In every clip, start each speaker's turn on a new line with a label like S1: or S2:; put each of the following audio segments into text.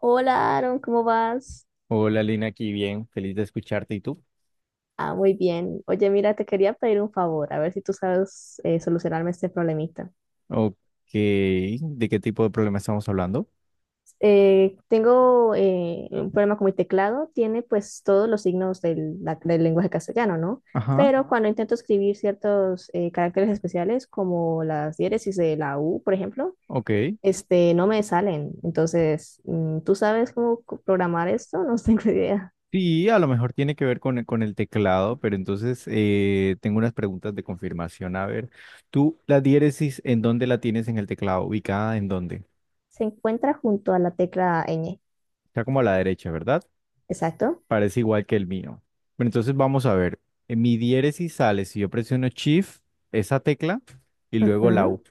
S1: Hola, Aaron, ¿cómo vas?
S2: Hola Lina, aquí bien, feliz de escucharte. ¿Y tú?
S1: Ah, muy bien. Oye, mira, te quería pedir un favor, a ver si tú sabes, solucionarme este problemita.
S2: Ok, ¿de qué tipo de problema estamos hablando?
S1: Tengo un problema con mi teclado, tiene pues todos los signos del lenguaje castellano, ¿no?
S2: Ajá,
S1: Pero cuando intento escribir ciertos caracteres especiales, como las diéresis de la U, por ejemplo,
S2: ok.
S1: este, no me salen. Entonces, ¿tú sabes cómo programar esto? No tengo idea.
S2: Sí, a lo mejor tiene que ver con el teclado, pero entonces tengo unas preguntas de confirmación. A ver, ¿tú la diéresis en dónde la tienes en el teclado? ¿Ubicada en dónde?
S1: Se encuentra junto a la tecla ñ,
S2: Está como a la derecha, ¿verdad?
S1: exacto.
S2: Parece igual que el mío. Pero entonces vamos a ver. En mi diéresis sale si yo presiono Shift, esa tecla, y luego la
S1: Ujú.
S2: U.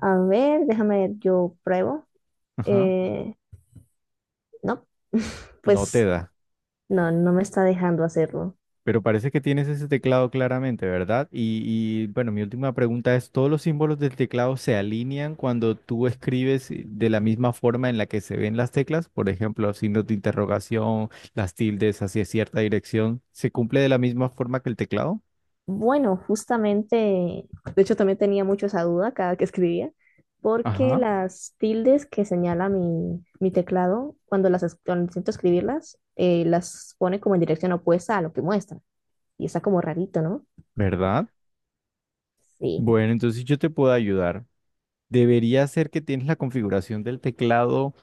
S1: A ver, déjame ver, yo pruebo.
S2: Ajá,
S1: Eh, no,
S2: no te
S1: pues
S2: da.
S1: no, no me está dejando hacerlo.
S2: Pero parece que tienes ese teclado claramente, ¿verdad? Bueno, mi última pregunta es, ¿todos los símbolos del teclado se alinean cuando tú escribes de la misma forma en la que se ven las teclas? Por ejemplo, signos de interrogación, las tildes hacia cierta dirección, ¿se cumple de la misma forma que el teclado?
S1: Bueno, justamente, de hecho también tenía mucho esa duda cada que escribía, porque
S2: Ajá.
S1: las tildes que señala mi teclado, cuando las cuando intento escribirlas, las pone como en dirección opuesta a lo que muestra. Y está como rarito, ¿no?
S2: ¿Verdad?
S1: Sí,
S2: Bueno, entonces yo te puedo ayudar. Debería ser que tienes la configuración del teclado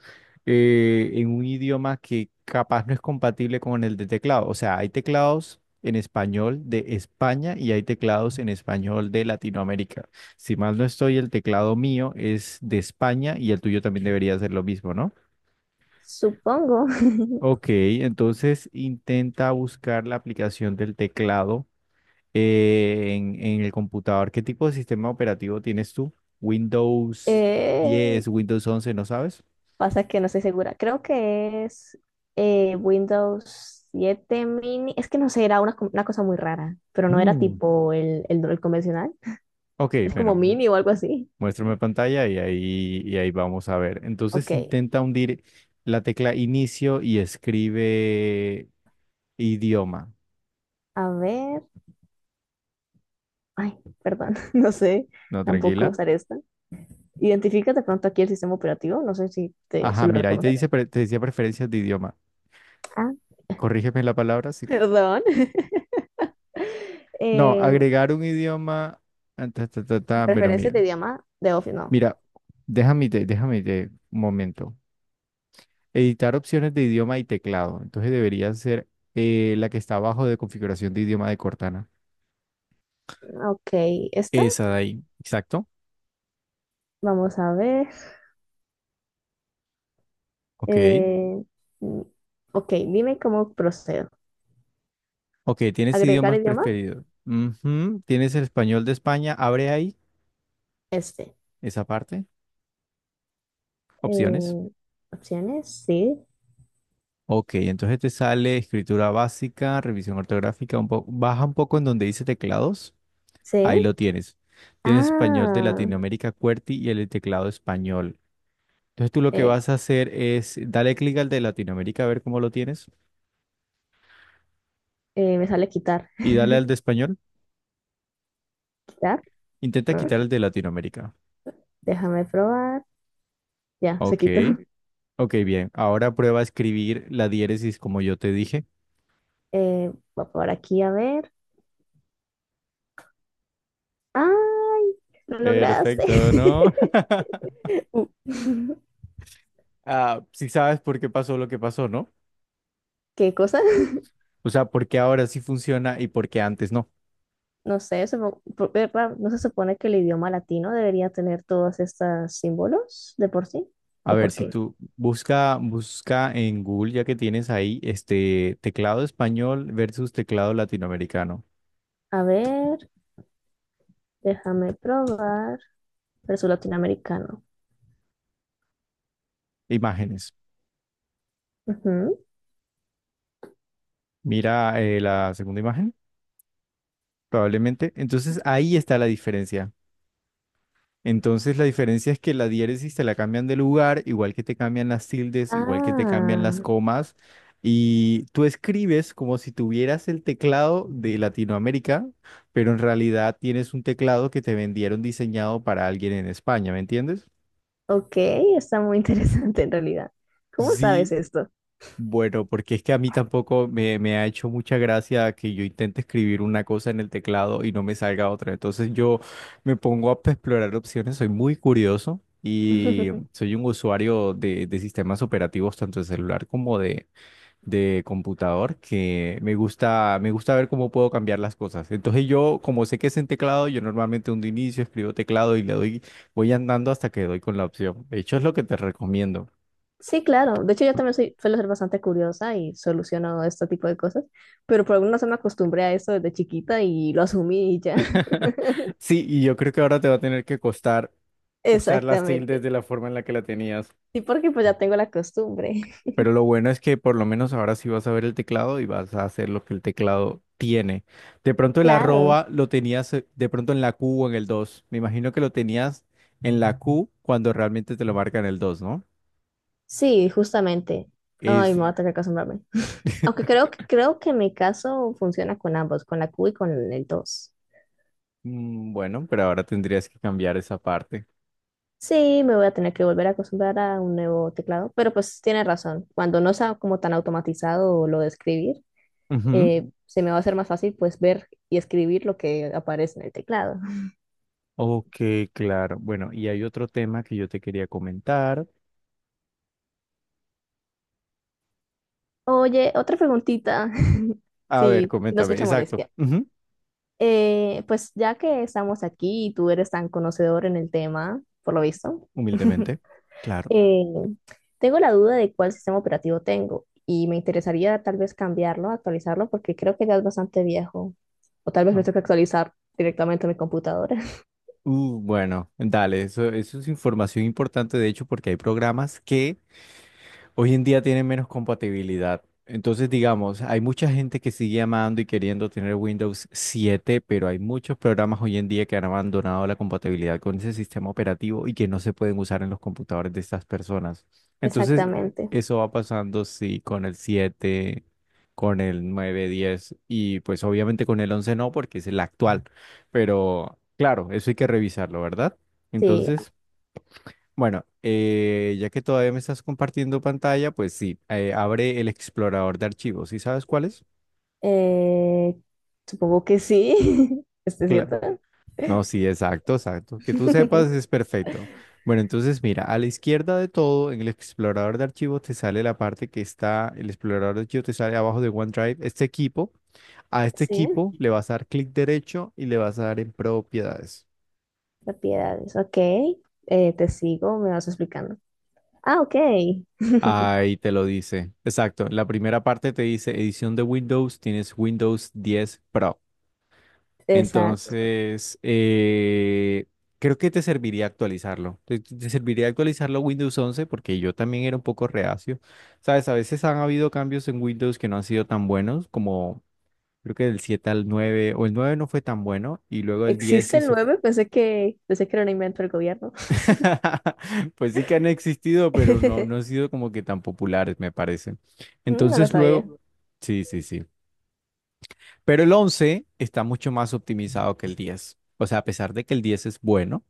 S2: en un idioma que capaz no es compatible con el de teclado. O sea, hay teclados en español de España y hay teclados en español de Latinoamérica. Si mal no estoy, el teclado mío es de España y el tuyo también debería ser lo mismo, ¿no?
S1: supongo.
S2: Ok, entonces intenta buscar la aplicación del teclado en el computador. ¿Qué tipo de sistema operativo tienes tú? Windows
S1: Eh,
S2: 10, Windows 11, ¿no sabes?
S1: pasa que no estoy segura. Creo que es Windows 7 mini. Es que no sé, era una, una cosa muy rara, pero no era
S2: Mm,
S1: tipo el convencional.
S2: ok,
S1: Es Ok como Ok
S2: bueno,
S1: mini o algo así.
S2: muéstrame pantalla y ahí vamos a ver.
S1: Ok,
S2: Entonces intenta hundir la tecla inicio y escribe idioma.
S1: a ver. Ay, perdón, no sé.
S2: No,
S1: Tampoco
S2: tranquila.
S1: usar esta. Identificas de pronto aquí el sistema operativo. No sé si
S2: Ajá,
S1: lo
S2: mira, ahí te
S1: reconoces.
S2: te decía preferencias de idioma.
S1: Ah,
S2: Corrígeme la palabra. Sí.
S1: perdón.
S2: No,
S1: No.
S2: agregar un idioma. Ah, ta, ta, ta, ta. Bueno,
S1: Preferencias
S2: mira.
S1: de idioma de Office, no.
S2: Mira, déjame un momento. Editar opciones de idioma y teclado. Entonces debería ser la que está abajo de configuración de idioma de Cortana.
S1: Ok, esta.
S2: Esa de ahí. Exacto.
S1: Vamos a ver.
S2: Ok.
S1: Eh, mm, ok, dime cómo procedo.
S2: Ok, tienes
S1: ¿Agregar
S2: idiomas
S1: idioma?
S2: preferidos. Ujú, tienes el español de España. Abre ahí
S1: Este.
S2: esa parte. Opciones.
S1: Eh, opciones, sí.
S2: Ok, entonces te sale escritura básica, revisión ortográfica, un baja un poco en donde dice teclados.
S1: Sí.
S2: Ahí lo tienes. Tienes español de
S1: Ah,
S2: Latinoamérica, QWERTY y el teclado español. Entonces tú lo que
S1: eh,
S2: vas a hacer es dale clic al de Latinoamérica a ver cómo lo tienes
S1: me sale quitar.
S2: y dale al de español.
S1: ¿Quitar?
S2: Intenta
S1: Ah,
S2: quitar el de Latinoamérica.
S1: déjame probar. Ya, se
S2: Ok,
S1: quitó.
S2: ok, bien. Ahora prueba a escribir la diéresis como yo te dije.
S1: Voy por aquí a ver. ¡Ay! Lo lograste.
S2: Perfecto, ¿no?
S1: Uh,
S2: Ah, sí sabes por qué pasó lo que pasó, ¿no?
S1: ¿Qué cosa?
S2: O sea, por qué ahora sí funciona y por qué antes no.
S1: No sé, ¿no se supone que el idioma latino debería tener todos estos símbolos de por sí?
S2: A
S1: ¿O
S2: ver,
S1: por
S2: si
S1: qué?
S2: tú busca en Google, ya que tienes ahí este teclado español versus teclado latinoamericano.
S1: A ver, déjame probar. Pero es latinoamericano.
S2: Imágenes. Mira la segunda imagen, probablemente. Entonces ahí está la diferencia. Entonces la diferencia es que la diéresis te la cambian de lugar, igual que te cambian las tildes, igual que te cambian las
S1: Ah,
S2: comas, y tú escribes como si tuvieras el teclado de Latinoamérica, pero en realidad tienes un teclado que te vendieron diseñado para alguien en España, ¿me entiendes?
S1: ok, está muy interesante en realidad. ¿Cómo sabes
S2: Sí,
S1: esto?
S2: bueno, porque es que a mí tampoco me ha hecho mucha gracia que yo intente escribir una cosa en el teclado y no me salga otra. Entonces yo me pongo a explorar opciones, soy muy curioso y soy un usuario de sistemas operativos, tanto de celular como de computador, que me gusta ver cómo puedo cambiar las cosas. Entonces yo, como sé que es en teclado, yo normalmente un inicio escribo teclado y le doy, voy andando hasta que doy con la opción. De hecho, es lo que te recomiendo.
S1: Sí, claro. De hecho, yo también soy, suelo ser bastante curiosa y soluciono este tipo de cosas, pero por alguna razón me acostumbré a eso desde chiquita y lo asumí y ya.
S2: Sí, y yo creo que ahora te va a tener que costar usar las tildes
S1: Exactamente.
S2: de la forma en la que la tenías.
S1: Sí, porque pues ya tengo la costumbre.
S2: Pero lo bueno es que por lo menos ahora sí vas a ver el teclado y vas a hacer lo que el teclado tiene. De pronto el
S1: Claro.
S2: arroba lo tenías de pronto en la Q o en el dos. Me imagino que lo tenías en la Q cuando realmente te lo marca en el 2, ¿no?
S1: Sí, justamente. Ay,
S2: Es
S1: me voy a tener que acostumbrarme. Aunque creo que mi caso funciona con ambos, con la Q y con el 2.
S2: mm, bueno, pero ahora tendrías que cambiar esa parte.
S1: Sí, me voy a tener que volver a acostumbrar a un nuevo teclado, pero pues tiene razón. Cuando no sea como tan automatizado lo de escribir,
S2: Ujú.
S1: se me va a hacer más fácil pues ver y escribir lo que aparece en el teclado.
S2: Ok, claro. Bueno, y hay otro tema que yo te quería comentar.
S1: Oye, otra preguntita,
S2: A ver,
S1: si no
S2: coméntame.
S1: escucha
S2: Exacto.
S1: molestia.
S2: Ujú.
S1: Pues ya que estamos aquí y tú eres tan conocedor en el tema, por lo visto,
S2: Humildemente. Claro.
S1: Eh, tengo la duda de cuál sistema operativo tengo y me interesaría tal vez cambiarlo, actualizarlo, porque creo que ya es bastante viejo. O tal vez me tengo que actualizar directamente mi computadora.
S2: Bueno, dale, eso es información importante, de hecho, porque hay programas que hoy en día tienen menos compatibilidad. Entonces, digamos, hay mucha gente que sigue amando y queriendo tener Windows 7, pero hay muchos programas hoy en día que han abandonado la compatibilidad con ese sistema operativo y que no se pueden usar en los computadores de estas personas. Entonces,
S1: Exactamente.
S2: eso va pasando, sí, con el 7, con el 9, 10 y pues obviamente con el 11 no, porque es el actual. Pero claro, eso hay que revisarlo, ¿verdad?
S1: Sí,
S2: Entonces... Bueno, ya que todavía me estás compartiendo pantalla, pues sí, abre el explorador de archivos. ¿Sí sabes cuál es?
S1: eh, supongo que sí. ¿Este es
S2: Claro.
S1: cierto?
S2: No, sí, exacto, exacto. Que tú sepas es perfecto. Bueno, entonces mira, a la izquierda de todo, en el explorador de archivos te sale la parte que está, el explorador de archivos te sale abajo de OneDrive, este equipo. A este
S1: Sí,
S2: equipo le vas a dar clic derecho y le vas a dar en propiedades.
S1: propiedades. Ok, te sigo, me vas explicando. Ah, ok.
S2: Ahí te lo dice. Exacto. La primera parte te dice edición de Windows, tienes Windows 10 Pro.
S1: Exacto.
S2: Entonces, creo que te serviría actualizarlo. Te serviría actualizarlo Windows 11 porque yo también era un poco reacio. Sabes, a veces han habido cambios en Windows que no han sido tan buenos, como creo que del 7 al 9 o el 9 no fue tan bueno, y luego el 10
S1: ¿Existe
S2: sí
S1: el
S2: se...
S1: nueve? Pensé pensé que era un invento del gobierno.
S2: Pues sí que han existido, pero no, no han sido como que tan populares, me parece.
S1: Mm, no lo
S2: Entonces,
S1: sabía.
S2: luego... Sí, sí, sí. Pero el 11 está mucho más optimizado que el diez. O sea, a pesar de que el 10 es bueno.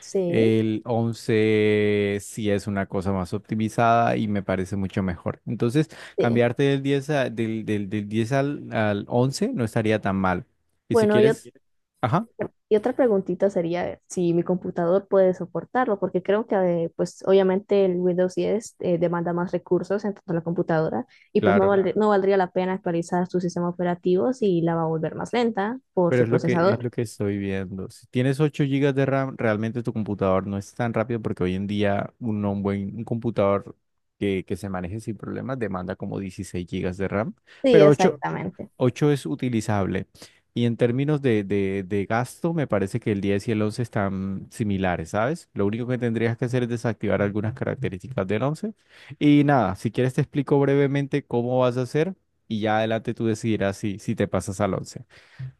S1: Sí.
S2: El 11 sí es una cosa más optimizada y me parece mucho mejor. Entonces,
S1: Sí.
S2: cambiarte del 10 a- del, del, del 10 al, al 11 no estaría tan mal. Y si
S1: Bueno, yo,
S2: quieres,
S1: ¿quieres?
S2: ajá,
S1: Y otra preguntita sería si mi computador puede soportarlo, porque creo que pues obviamente el Windows 10 demanda más recursos en tanto la computadora y pues no,
S2: claro.
S1: claro, no valdría la pena actualizar su sistema operativo si la va a volver más lenta por
S2: Pero
S1: su,
S2: es
S1: bueno,
S2: es
S1: procesador.
S2: lo que estoy viendo. Si tienes 8 gigas de RAM, realmente tu computador no es tan rápido porque hoy en día un buen un computador que se maneje sin problemas demanda como 16 gigas de RAM,
S1: Sí,
S2: pero
S1: pero
S2: ocho
S1: exactamente.
S2: ocho es utilizable. Y en términos de gasto, me parece que el 10 y el 11 están similares, ¿sabes? Lo único que tendrías que hacer es desactivar algunas características del once. Y nada, si quieres te explico brevemente cómo vas a hacer y ya adelante tú decidirás si te pasas al once.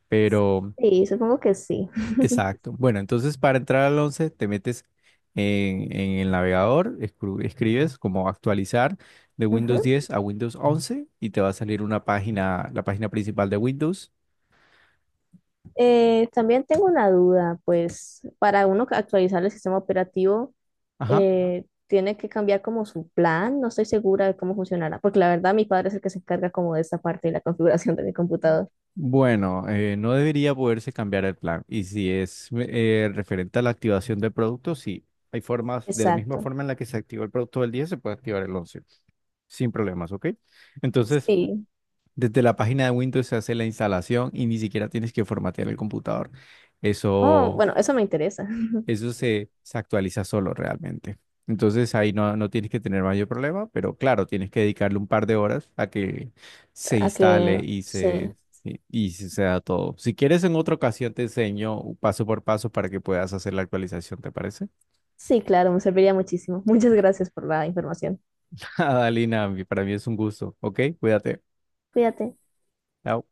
S2: Pero
S1: Sí, supongo que sí.
S2: exacto. Bueno, entonces para entrar al 11 te metes en el navegador, escribes como actualizar de Windows
S1: Ujú.
S2: 10 a Windows 11 y te va a salir una página, la página principal de Windows.
S1: También tengo una duda, pues para uno actualizar el sistema operativo
S2: Ajá.
S1: tiene que cambiar como su plan, no estoy segura de cómo funcionará, porque la verdad mi padre es el que se encarga como de esta parte de la configuración de mi computador.
S2: Bueno, no debería poderse cambiar el plan. Y si es referente a la activación del producto, sí. Hay formas, de la misma
S1: Exacto,
S2: forma en la que se activó el producto del 10 se puede activar el 11 sin problemas, ¿ok? Entonces,
S1: sí.
S2: desde la página de Windows se hace la instalación y ni siquiera tienes que formatear el computador.
S1: Oh,
S2: Eso,
S1: bueno, eso me interesa.
S2: se actualiza solo realmente. Entonces ahí no, no tienes que tener mayor problema, pero claro, tienes que dedicarle un par de horas a que se
S1: A
S2: instale
S1: que sí,
S2: y se da todo. Si quieres, en otra ocasión te enseño paso por paso para que puedas hacer la actualización, ¿te parece?
S1: sí, claro, me serviría muchísimo. Muchas gracias por la información.
S2: Adalina, para mí es un gusto. Ok, cuídate.
S1: Cuídate.
S2: Chao.